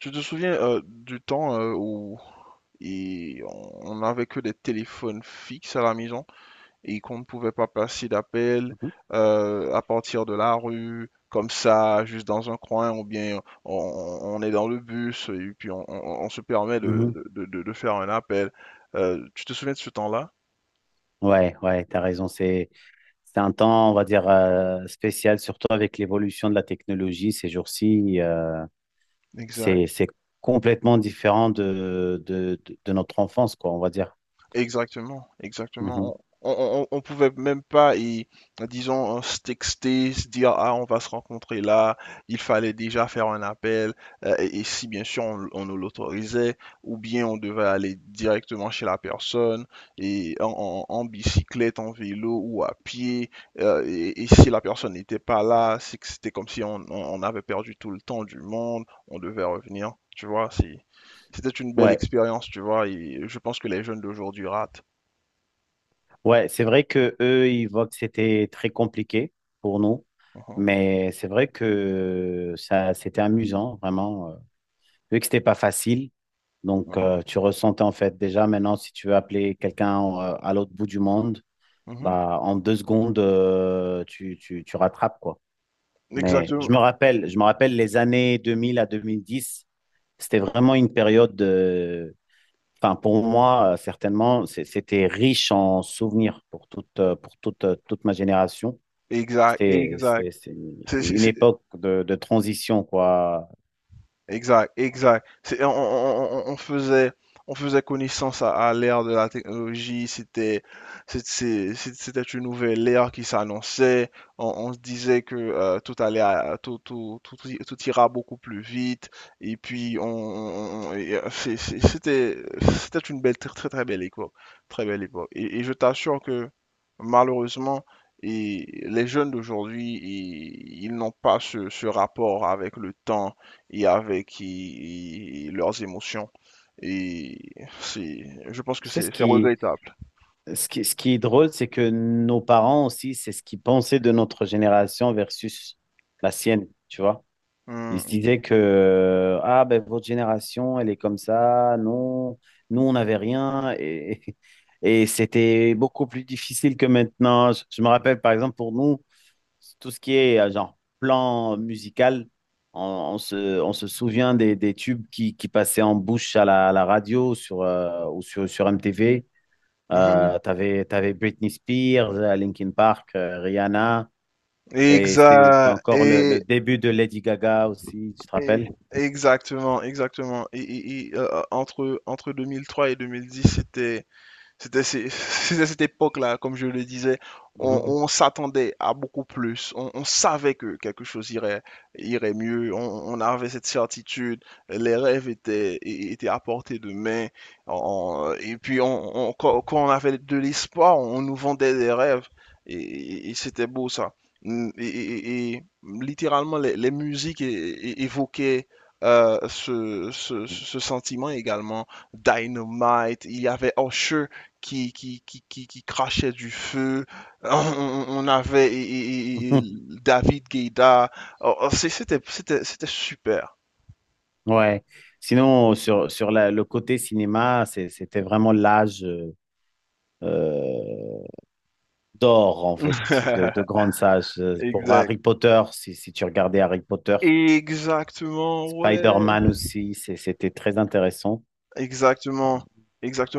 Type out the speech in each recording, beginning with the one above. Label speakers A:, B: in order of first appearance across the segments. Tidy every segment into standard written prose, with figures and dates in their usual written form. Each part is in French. A: Tu te souviens du temps où et on n'avait que des téléphones fixes à la maison et qu'on ne pouvait pas passer d'appels
B: Mhm.
A: à partir de la rue, comme ça, juste dans un coin, ou bien on est dans le bus et puis on se permet
B: Mhm.
A: de faire un appel. Tu te souviens de ce temps-là?
B: Ouais, ouais, t'as raison. C'est un temps, on va dire, spécial, surtout avec l'évolution de la technologie ces jours-ci.
A: Exact.
B: C'est complètement différent de notre enfance, quoi, on va dire.
A: Exactement,
B: Mhm.
A: exactement. On pouvait même pas, disons, se texter, se dire, ah, on va se rencontrer là, il fallait déjà faire un appel, et si bien sûr on nous l'autorisait, ou bien on devait aller directement chez la personne, et en bicyclette, en vélo ou à pied, et si la personne n'était pas là, c'est que c'était comme si on, on avait perdu tout le temps du monde, on devait revenir, tu vois, c'était une belle
B: Ouais.
A: expérience, tu vois, et je pense que les jeunes d'aujourd'hui ratent.
B: Ouais, c'est vrai que eux, ils voient que c'était très compliqué pour nous,
A: Mhm,
B: mais c'est vrai que ça, c'était amusant, vraiment. Vu que c'était pas facile, donc
A: mhm,
B: tu ressentais en fait déjà maintenant si tu veux appeler quelqu'un à l'autre bout du monde,
A: mhm.
B: bah en deux secondes tu rattrapes quoi. Mais
A: Exactement.
B: je me rappelle les années 2000 à 2010, c'était vraiment une période. Enfin, pour moi, certainement, c'était riche en souvenirs pour toute, toute ma génération.
A: Exact, exact.
B: C'est une époque de transition, quoi.
A: Exact, exact. On faisait, on faisait connaissance à l'ère de la technologie. C'était, c'est- C'était une nouvelle ère qui s'annonçait. On se disait que tout allait, tout ira beaucoup plus vite. Et puis, c'était une belle, très, très, très belle époque, très belle époque. Et je t'assure que malheureusement, et les jeunes d'aujourd'hui, ils n'ont pas ce rapport avec le temps et avec et leurs émotions. Et c'est, je pense que
B: Tu sais,
A: c'est c'est regrettable.
B: ce qui est drôle, c'est que nos parents aussi, c'est ce qu'ils pensaient de notre génération versus la sienne, tu vois. Ils se
A: Mm.
B: disaient que, ah, ben, votre génération, elle est comme ça. Non, nous, on n'avait rien. Et c'était beaucoup plus difficile que maintenant. Je me rappelle, par exemple, pour nous, tout ce qui est genre plan musical, on, on se souvient des tubes qui passaient en bouche à la radio sur, sur MTV.
A: Mm, mm.
B: T'avais Britney Spears, Linkin Park, Rihanna, et c'était
A: Exa-
B: encore le
A: et-
B: début de Lady Gaga aussi, tu te
A: et-
B: rappelles?
A: Exactement, exactement. Entre 2003 et 2010, c'est à cette époque-là, comme je le disais,
B: Mhm.
A: on s'attendait à beaucoup plus. On savait que quelque chose irait, irait mieux. On avait cette certitude. Les rêves étaient à portée de main. On- et puis, on- quand, Quand on avait de l'espoir, on nous vendait des rêves. Et c'était beau ça. Et littéralement, les musiques é- é- évoquaient ce sentiment également. Dynamite, il y avait Usher qui crachait du feu. On avait et-
B: Mhm.
A: David Guetta. C'était super.
B: Ouais. Sinon, sur le côté cinéma, c'était vraiment l'âge. euh, d'or, en fait, de grandes sages. Pour
A: Exact.
B: Harry Potter, si, si tu regardais Harry Potter,
A: Exactement, ouais.
B: Spider-Man aussi, c'était très intéressant.
A: Exactement.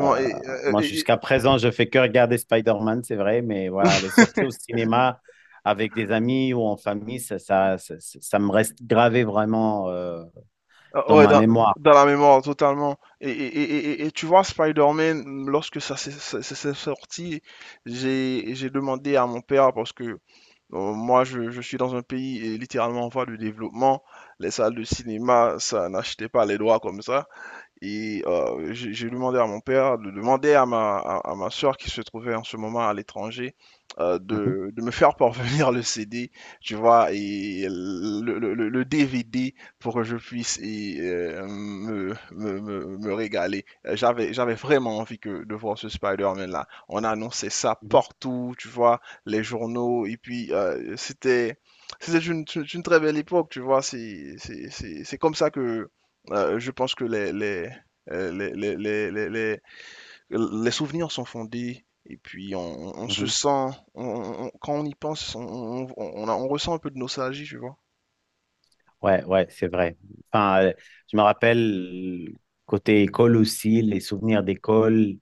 B: Euh,
A: euh,
B: moi,
A: et-
B: jusqu'à présent, je fais que regarder Spider-Man, c'est vrai, mais voilà, les sorties au cinéma avec des amis ou en famille, ça me reste gravé vraiment
A: Ah,
B: dans
A: ouais,
B: ma mémoire.
A: dans la mémoire, totalement. Et tu vois, Spider-Man, lorsque ça s'est sorti, j'ai demandé à mon père, parce que je suis dans un pays et littéralement en voie de développement, les salles de cinéma, ça n'achetait pas les droits comme ça. Et j'ai demandé à mon père de demander à à ma soeur qui se trouvait en ce moment à l'étranger
B: Mhm,
A: de me faire parvenir le CD, tu vois, et le DVD pour que je puisse me régaler. J'avais vraiment envie de voir ce Spider-Man-là. On annonçait ça
B: mhm.
A: partout, tu vois, les journaux, et puis c'était... C'était une très belle époque, tu vois. C'est comme ça que, je pense que euh, les, les, les, les, les- les souvenirs sont fondés et puis on se
B: Mhm.
A: sent, quand on y pense, on ressent un peu de nostalgie, tu vois.
B: Ouais, ouais, c'est vrai. Enfin, je me rappelle côté école aussi, les souvenirs d'école,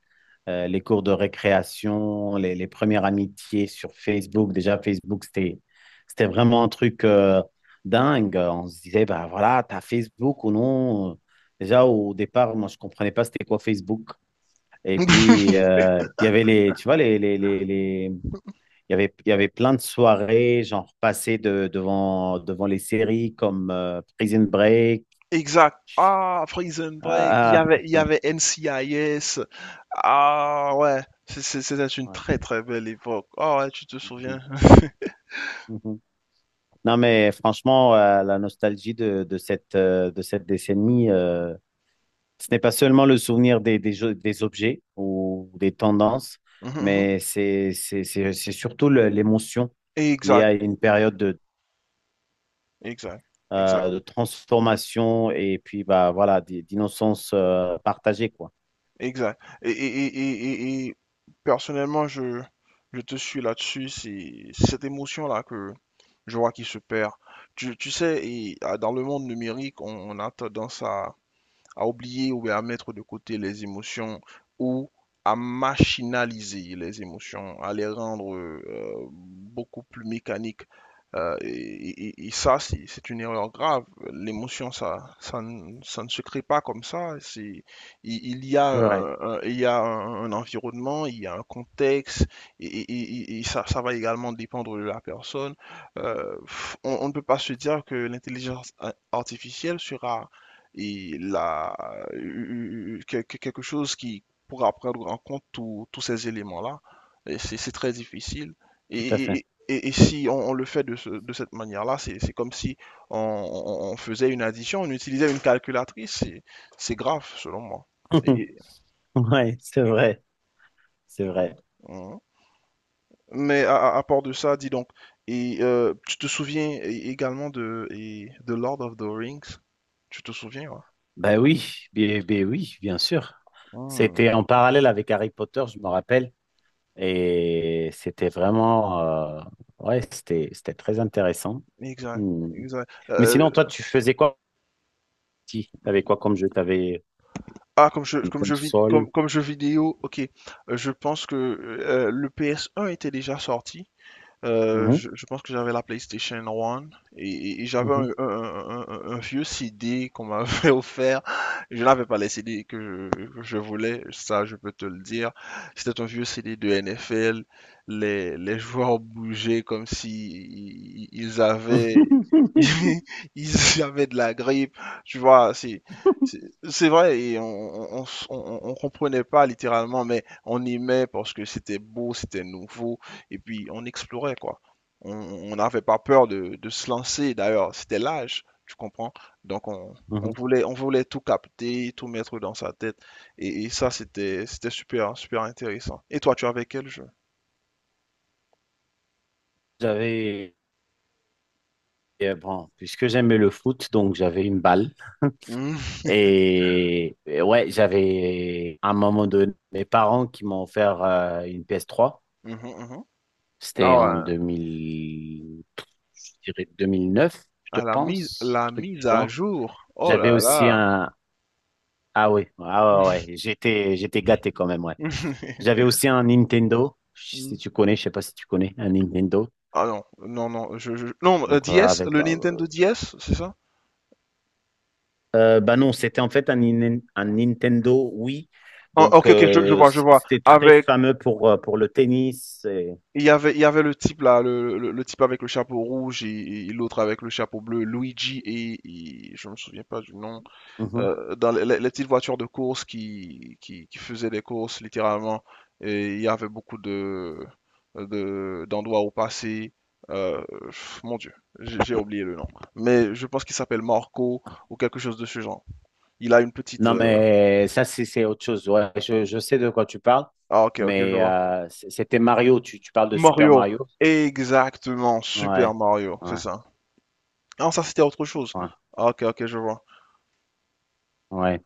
B: les cours de récréation, les premières amitiés sur Facebook. Déjà, Facebook, c'était vraiment un truc dingue. On se disait, bah voilà, t'as Facebook ou non? Déjà, au départ, moi, je comprenais pas c'était quoi Facebook. Et puis, il y avait les, tu vois, les il y avait plein de soirées, genre passées devant, devant les séries comme Prison Break.
A: Exact. Ah, Prison Break,
B: Ah,
A: il y
B: ah,
A: avait NCIS. Ah ouais, c'était une
B: ouais.
A: très très belle époque. Ah ouais, tu te souviens.
B: Mhm, mhm. Non, mais franchement, la nostalgie de cette décennie, ce n'est pas seulement le souvenir des, des objets ou des tendances,
A: Mhm, mhm.
B: mais c'est surtout l'émotion liée
A: Exact,
B: à une période
A: exact, Exact.
B: de transformation et puis bah, voilà, d'innocence partagée, quoi.
A: Exact. Et personnellement, je te suis là-dessus. C'est cette émotion-là que je vois qui se perd. Tu sais, et, ah, dans le monde numérique, on a tendance à oublier ou à mettre de côté les émotions ou à machinaliser les émotions, à les rendre beaucoup plus mécaniques. Euh, et, et ça, c'est une erreur grave. L'émotion, ça ne se crée pas comme ça. il, il y a,
B: Ouais,
A: un, il y a un environnement, il y a un contexte, et, et- et ça va également dépendre de la personne. Euh, on ne peut pas se dire que l'intelligence artificielle sera et la, quelque chose qui pourra prendre en compte tous ces éléments-là, et c'est très difficile. Et,
B: tout à fait.
A: et- et- et- si on le fait de cette manière-là, c'est comme si on faisait une addition, on utilisait une calculatrice, c'est grave selon moi. Et- et-
B: Ouais, c'est vrai, c'est vrai.
A: Mhm. Mais à part de ça, dis donc, tu te souviens également de Lord of the Rings? Tu te souviens, ouais?
B: Ben oui, ben oui, bien sûr. C'était
A: Mhm.
B: en parallèle avec Harry Potter, je me rappelle, et c'était vraiment, ouais, c'était très intéressant.
A: Exact,
B: Hmm.
A: exact.
B: Mais sinon, toi, tu faisais quoi? Si, t'avais quoi comme jeu? T'avais
A: Ah, comme jeu,
B: une console?
A: comme jeu vidéo, ok. Je pense que le PS1 était déjà sorti.
B: Mhm,
A: Je pense que j'avais la PlayStation 1 et, et j'avais
B: mhm.
A: un vieux CD qu'on m'avait offert. Je n'avais pas les CD que que je voulais, ça je peux te le dire. C'était un vieux CD de NFL. Les joueurs bougeaient comme si ils avaient, ils avaient de la grippe. Tu vois, c'est c'est vrai et on, s- on comprenait pas littéralement, mais on aimait parce que c'était beau, c'était nouveau et puis on explorait, quoi. On n'avait pas peur de se lancer d'ailleurs, c'était l'âge, tu comprends? Donc on
B: Mhm.
A: voulait, on voulait tout capter, tout mettre dans sa tête et ça c'était c'était super, hein, super intéressant. Et toi, tu avais quel jeu?
B: J'avais, bon, puisque j'aimais le foot, donc j'avais une balle.
A: Mmh.
B: Et ouais, j'avais à un moment donné mes parents qui m'ont offert une PS3.
A: Mmh mh, mmh.
B: C'était
A: Ah
B: en
A: ouais.
B: 2000, je dirais 2009, je
A: Ah
B: pense,
A: la
B: truc du
A: mise à
B: genre.
A: jour. Oh
B: J'avais
A: là
B: aussi
A: là.
B: un, ah oui, ah ouais, ouais, j'étais gâté quand même, ouais. J'avais aussi un Nintendo, si
A: Mmh.
B: tu connais, je sais pas si tu connais, un Nintendo.
A: Ah non, non, non, je je non,
B: Donc,
A: heu, DS,
B: avec,
A: le
B: bah,
A: Nintendo DS, c'est ça?
B: Bah non, c'était en fait un, un Nintendo Wii.
A: Ah
B: Donc,
A: OK, OK, je vois.
B: c'était très
A: Avec
B: fameux pour le tennis.
A: il y avait, le type là, le type avec le chapeau rouge et l'autre avec le chapeau bleu, Luigi et, je me souviens pas du nom,
B: Mhm.
A: dans les petites voitures de course qui faisaient des courses littéralement. Et il y avait beaucoup de, d'endroits où passer. Pff, mon Dieu, j'ai oublié le nom. Mais je pense qu'il s'appelle Marco ou quelque chose de ce genre. Il a une petite.
B: Non, mais ça, c'est autre chose. Ouais, je sais de quoi tu parles,
A: Ah, ok, ok, je
B: mais
A: vois.
B: c'était Mario. Tu parles de Super
A: Mario,
B: Mario?
A: exactement, Super
B: Ouais,
A: Mario, c'est
B: ouais,
A: ça. Ah, ça c'était autre chose.
B: ouais,
A: Ah, ok, ok, je vois.
B: ouais.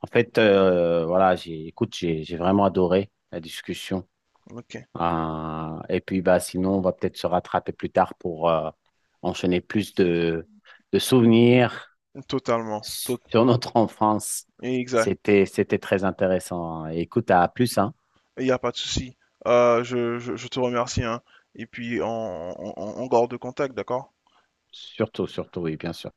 B: En fait, voilà, écoute, j'ai vraiment adoré la discussion.
A: Ok,
B: Et puis, bah, sinon, on va peut-être se rattraper plus tard pour enchaîner plus de souvenirs
A: totalement.
B: sur notre enfance.
A: Exact.
B: C'était, c'était très intéressant. Écoute, à plus, hein.
A: Il n'y a pas de souci. Je te remercie, hein. Et puis, on garde contact, d'accord?
B: Surtout, surtout, oui, bien sûr.